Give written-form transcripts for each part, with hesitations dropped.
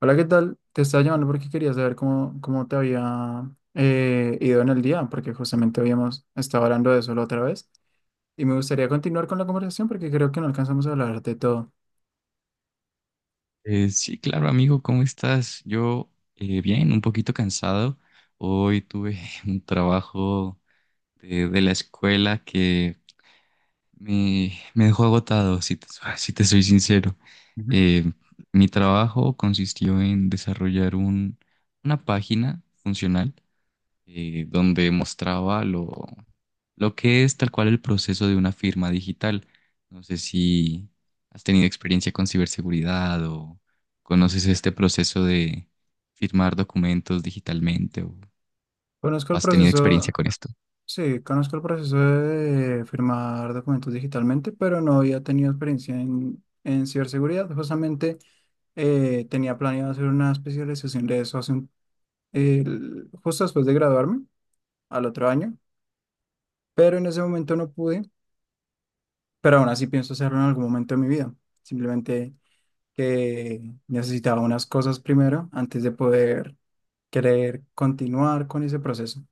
Hola, ¿qué tal? Te estaba llamando porque quería saber cómo te había ido en el día, porque justamente habíamos estado hablando de eso la otra vez y me gustaría continuar con la conversación porque creo que no alcanzamos a hablar de todo. Sí, claro, amigo, ¿cómo estás? Yo bien, un poquito cansado. Hoy tuve un trabajo de la escuela que me dejó agotado, si te soy sincero. Ujú. Eh, Mi trabajo consistió en desarrollar una página funcional donde mostraba lo que es tal cual el proceso de una firma digital. No sé si has tenido experiencia con ciberseguridad o conoces este proceso de firmar documentos digitalmente o Conozco el has tenido experiencia proceso, con esto. sí, conozco el proceso de firmar documentos digitalmente, pero no había tenido experiencia en ciberseguridad. Justamente tenía planeado hacer una especialización de eso justo después de graduarme, al otro año, pero en ese momento no pude. Pero aún así pienso hacerlo en algún momento de mi vida. Simplemente que necesitaba unas cosas primero antes de poder querer continuar con ese proceso.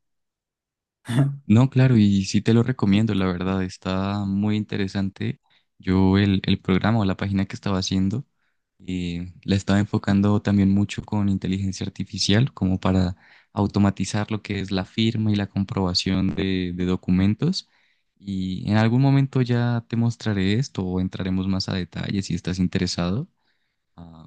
No, claro, y sí te lo recomiendo, la verdad, está muy interesante. Yo el programa o la página que estaba haciendo, la estaba enfocando también mucho con inteligencia artificial, como para automatizar lo que es la firma y la comprobación de documentos. Y en algún momento ya te mostraré esto o entraremos más a detalle si estás interesado, ah,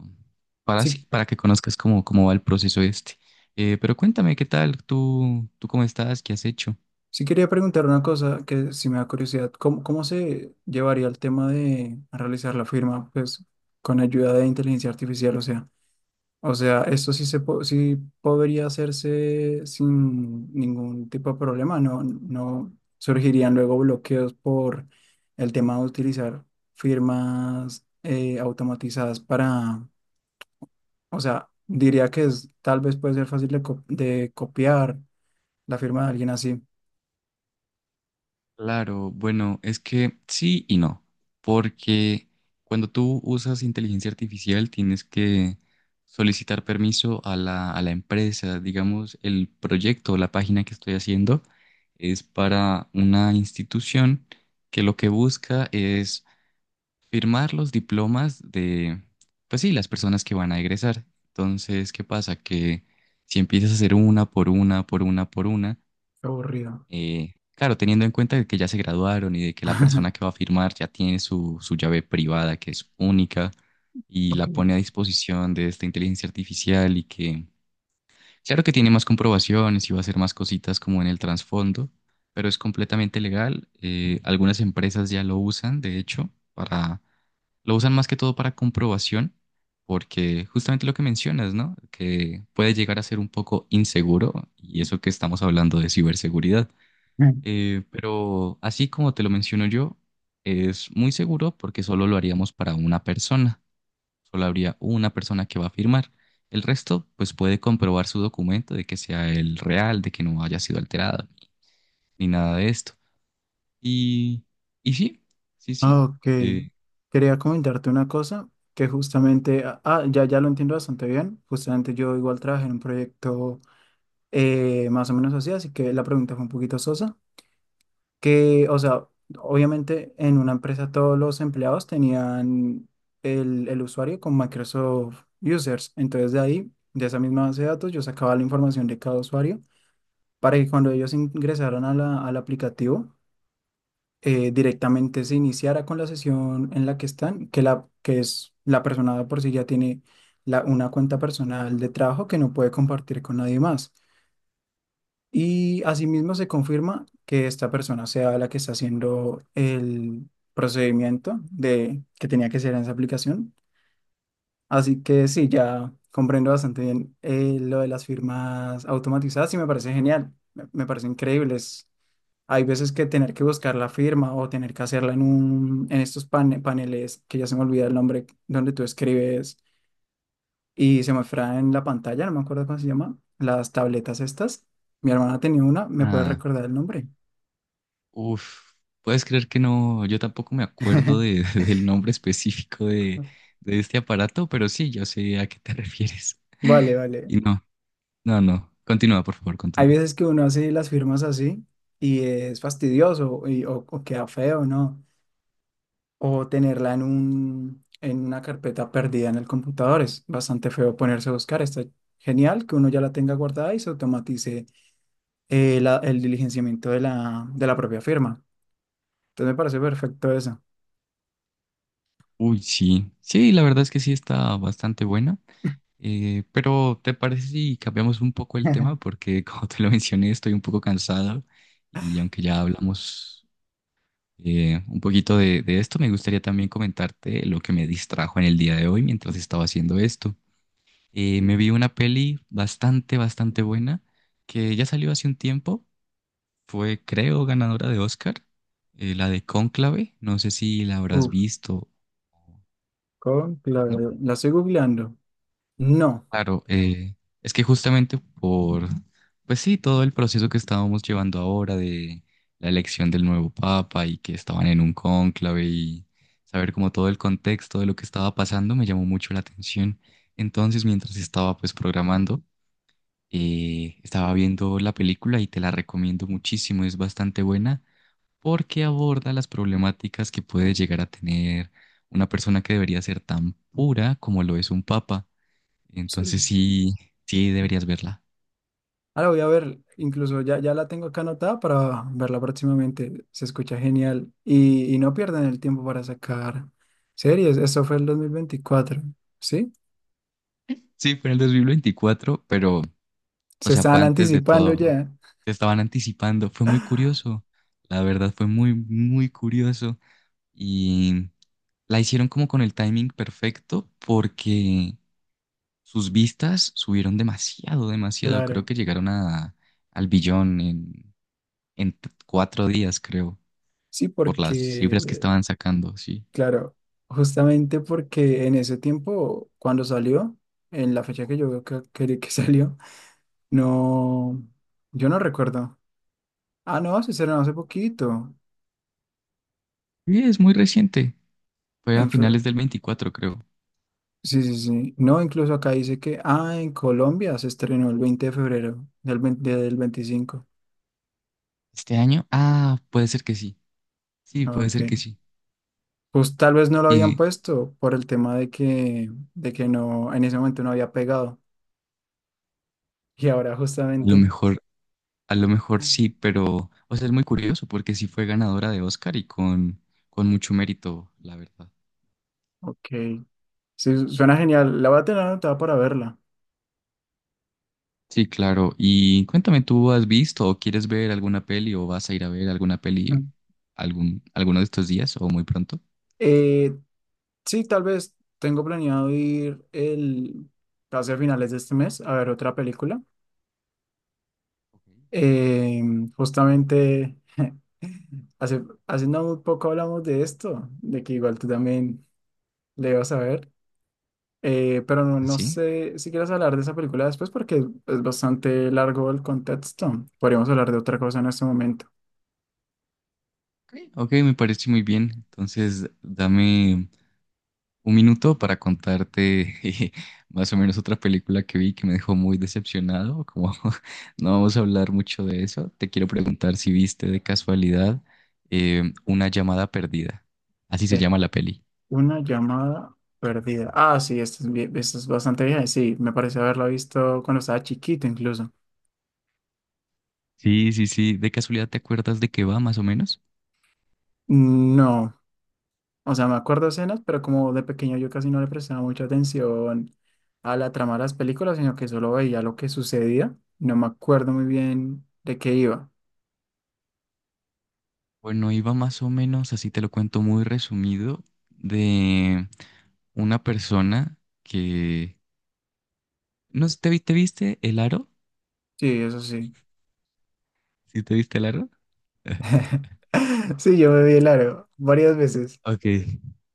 para Sí, sí, para que conozcas cómo va el proceso este. Pero cuéntame, ¿qué tal? ¿Tú cómo estás? ¿Qué has hecho? sí quería preguntar una cosa que si me da curiosidad, ¿cómo se llevaría el tema de realizar la firma, pues, con ayuda de inteligencia artificial? O sea, eso sí sí podría hacerse sin ningún tipo de problema, no, no surgirían luego bloqueos por el tema de utilizar firmas automatizadas para, o sea, diría que es, tal vez puede ser fácil de copiar la firma de alguien así. Claro, bueno, es que sí y no, porque cuando tú usas inteligencia artificial tienes que solicitar permiso a la empresa. Digamos, el proyecto o la página que estoy haciendo es para una institución que lo que busca es firmar los diplomas de, pues sí, las personas que van a egresar. Entonces, ¿qué pasa? Que si empiezas a hacer una por una, por una, por una, Qué aburrido. Claro, teniendo en cuenta de que ya se graduaron y de que la persona que va a firmar ya tiene su llave privada, que es única, y la pone Ok. a disposición de esta inteligencia artificial y que, claro que tiene más comprobaciones y va a hacer más cositas como en el trasfondo, pero es completamente legal. Algunas empresas ya lo usan, de hecho, para, lo usan más que todo para comprobación. Porque justamente lo que mencionas, ¿no? Que puede llegar a ser un poco inseguro, y eso que estamos hablando de ciberseguridad. Mm. Pero así como te lo menciono yo, es muy seguro porque solo lo haríamos para una persona. Solo habría una persona que va a firmar. El resto, pues puede comprobar su documento de que sea el real, de que no haya sido alterado, ni nada de esto. Y, y sí, sí, sí. Ok. Eh, Quería comentarte una cosa que justamente, ah, ya, ya lo entiendo bastante bien. Justamente yo igual trabajé en un proyecto más o menos así, así que la pregunta fue un poquito sosa, que, o sea, obviamente en una empresa todos los empleados tenían el usuario con Microsoft Users, entonces de ahí, de esa misma base de datos, yo sacaba la información de cada usuario para que cuando ellos ingresaron a al aplicativo, directamente se iniciara con la sesión en la que están, que, la, que es la persona de por sí ya tiene una cuenta personal de trabajo que no puede compartir con nadie más. Y asimismo se confirma que esta persona sea la que está haciendo el procedimiento de que tenía que ser en esa aplicación. Así que sí, ya comprendo bastante bien lo de las firmas automatizadas y me parece genial, me parece increíble. Es- hay veces que tener que buscar la firma o tener que hacerla en un, en estos paneles, que ya se me olvida el nombre, donde tú escribes y se muestra en la pantalla, no me acuerdo cómo se llama, las tabletas estas. Mi hermana tenía una, ¿me puede ah, recordar el nombre? uf, puedes creer que no, yo tampoco me acuerdo del nombre específico de este aparato, pero sí, yo sé a qué te refieres. Vale, vale. y no No, no. Continúa, por favor, Hay continúa. veces que uno hace las firmas así y es fastidioso o queda feo, ¿no? O tenerla en un, en una carpeta perdida en el computador. Es bastante feo ponerse a buscar. Está genial que uno ya la tenga guardada y se automatice el diligenciamiento de de la propia firma. Entonces me parece perfecto eso. Uy, sí. Sí, la verdad es que sí está bastante buena. Pero ¿te parece si cambiamos un poco el tema? Porque como te lo mencioné, estoy un poco cansado y aunque ya hablamos un poquito de esto, me gustaría también comentarte lo que me distrajo en el día de hoy mientras estaba haciendo esto. Me vi una peli bastante, bastante buena que ya salió hace un tiempo. Fue, creo, ganadora de Oscar, la de Cónclave, no sé si la habrás Uf, visto, con la, ¿no? la estoy googleando. No. Claro, es que justamente por, pues sí, todo el proceso que estábamos llevando ahora de la elección del nuevo papa y que estaban en un cónclave y saber como todo el contexto de lo que estaba pasando me llamó mucho la atención. Entonces, mientras estaba pues programando, estaba viendo la película y te la recomiendo muchísimo, es bastante buena, porque aborda las problemáticas que puede llegar a tener una persona que debería ser tan pura como lo es un papa. Sí. Entonces sí, sí deberías verla. Ah, la voy a ver, incluso ya, ya la tengo acá anotada para verla próximamente. Se escucha genial. Y no pierdan el tiempo para sacar series. Esto fue el 2024, ¿sí? Sí, fue en el 2024, pero, o Se sea, fue estaban antes de anticipando todo. ya. Se estaban anticipando. Fue muy curioso. La verdad fue muy, muy curioso. Y la hicieron como con el timing perfecto porque sus vistas subieron demasiado, demasiado. Creo Claro, que llegaron a, al billón en 4 días, creo, sí, por las cifras que porque, estaban sacando, sí. claro, justamente porque en ese tiempo, cuando salió, en la fecha que yo veo que salió, no, yo no recuerdo. Ah, no, se estrenó hace poquito. Sí, es muy reciente, fue a finales del 24 creo. Sí, sí, sí. No, incluso acá dice que, ah, en Colombia se estrenó el 20 de febrero del 20 del 2025. ¿Este año? Ah, puede ser que sí, sí, Ah, puede ok. ser que sí. Pues tal vez no lo habían Y puesto por el tema de que no, en ese momento no había pegado. Y ahora a lo justamente, mejor, a lo mejor sí, pero, o sea, es muy curioso porque sí fue ganadora de Oscar y con mucho mérito, la verdad. ok. Sí, su- suena genial. La voy a tener anotada para verla. Sí, claro. Y cuéntame, ¿tú has visto o quieres ver alguna peli o vas a ir a ver alguna peli Ujú. algún, alguno de estos días o muy pronto? Eh, sí, tal vez tengo planeado ir el, casi a finales de este mes a ver otra película. Ok. Eh, Justamente. Hace no muy poco hablamos de esto, de que igual tú también le vas a ver, pero no, no ¿Así? sé si quieres hablar de esa película después porque es bastante largo el contexto. Podríamos hablar de otra cosa en este momento. Ok, me parece muy bien. Entonces, dame un minuto para contarte más o menos otra película que vi que me dejó muy decepcionado. Como no vamos a hablar mucho de eso, te quiero preguntar si viste de casualidad Una llamada perdida. Así se Eh, llama la peli. Una llamada perdida. Ah, sí, esta es, vie- esta es bastante vieja. Sí, me parece haberla visto cuando estaba chiquito incluso. Sí, sí, sí. ¿De casualidad te acuerdas de qué va más o menos? No. O sea, me acuerdo escenas, pero como de pequeño yo casi no le prestaba mucha atención a la trama de las películas, sino que solo veía lo que sucedía. No me acuerdo muy bien de qué iba. Bueno, iba más o menos, así te lo cuento muy resumido, de una persona que... No sé, te viste El Aro? Sí, eso sí. ¿Sí te viste el aro? Sí, yo me vi el aro varias veces. Ok,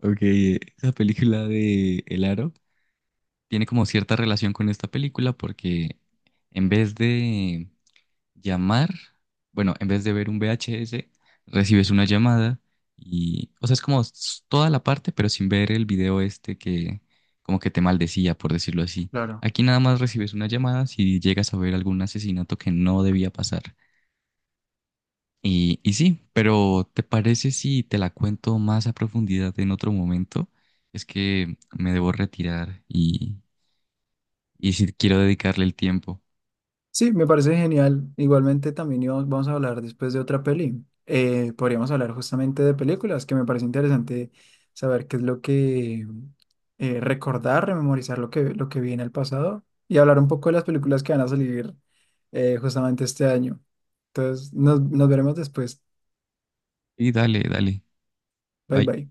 ok. Esa película de El Aro tiene como cierta relación con esta película porque en vez de llamar, bueno, en vez de ver un VHS, recibes una llamada y, o sea, es como toda la parte, pero sin ver el video este que como que te maldecía, por decirlo así. Claro. Aquí nada más recibes una llamada si llegas a ver algún asesinato que no debía pasar. Y sí, pero ¿te parece si te la cuento más a profundidad en otro momento? Es que me debo retirar y si quiero dedicarle el tiempo. Sí, me parece genial. Igualmente también íbamos- vamos a hablar después de otra peli. Podríamos hablar justamente de películas, que me parece interesante saber qué es lo que recordar, rememorizar lo que vi en el pasado y hablar un poco de las películas que van a salir justamente este año. Entonces, nos veremos después. Y dale, dale. Bye Bye. bye.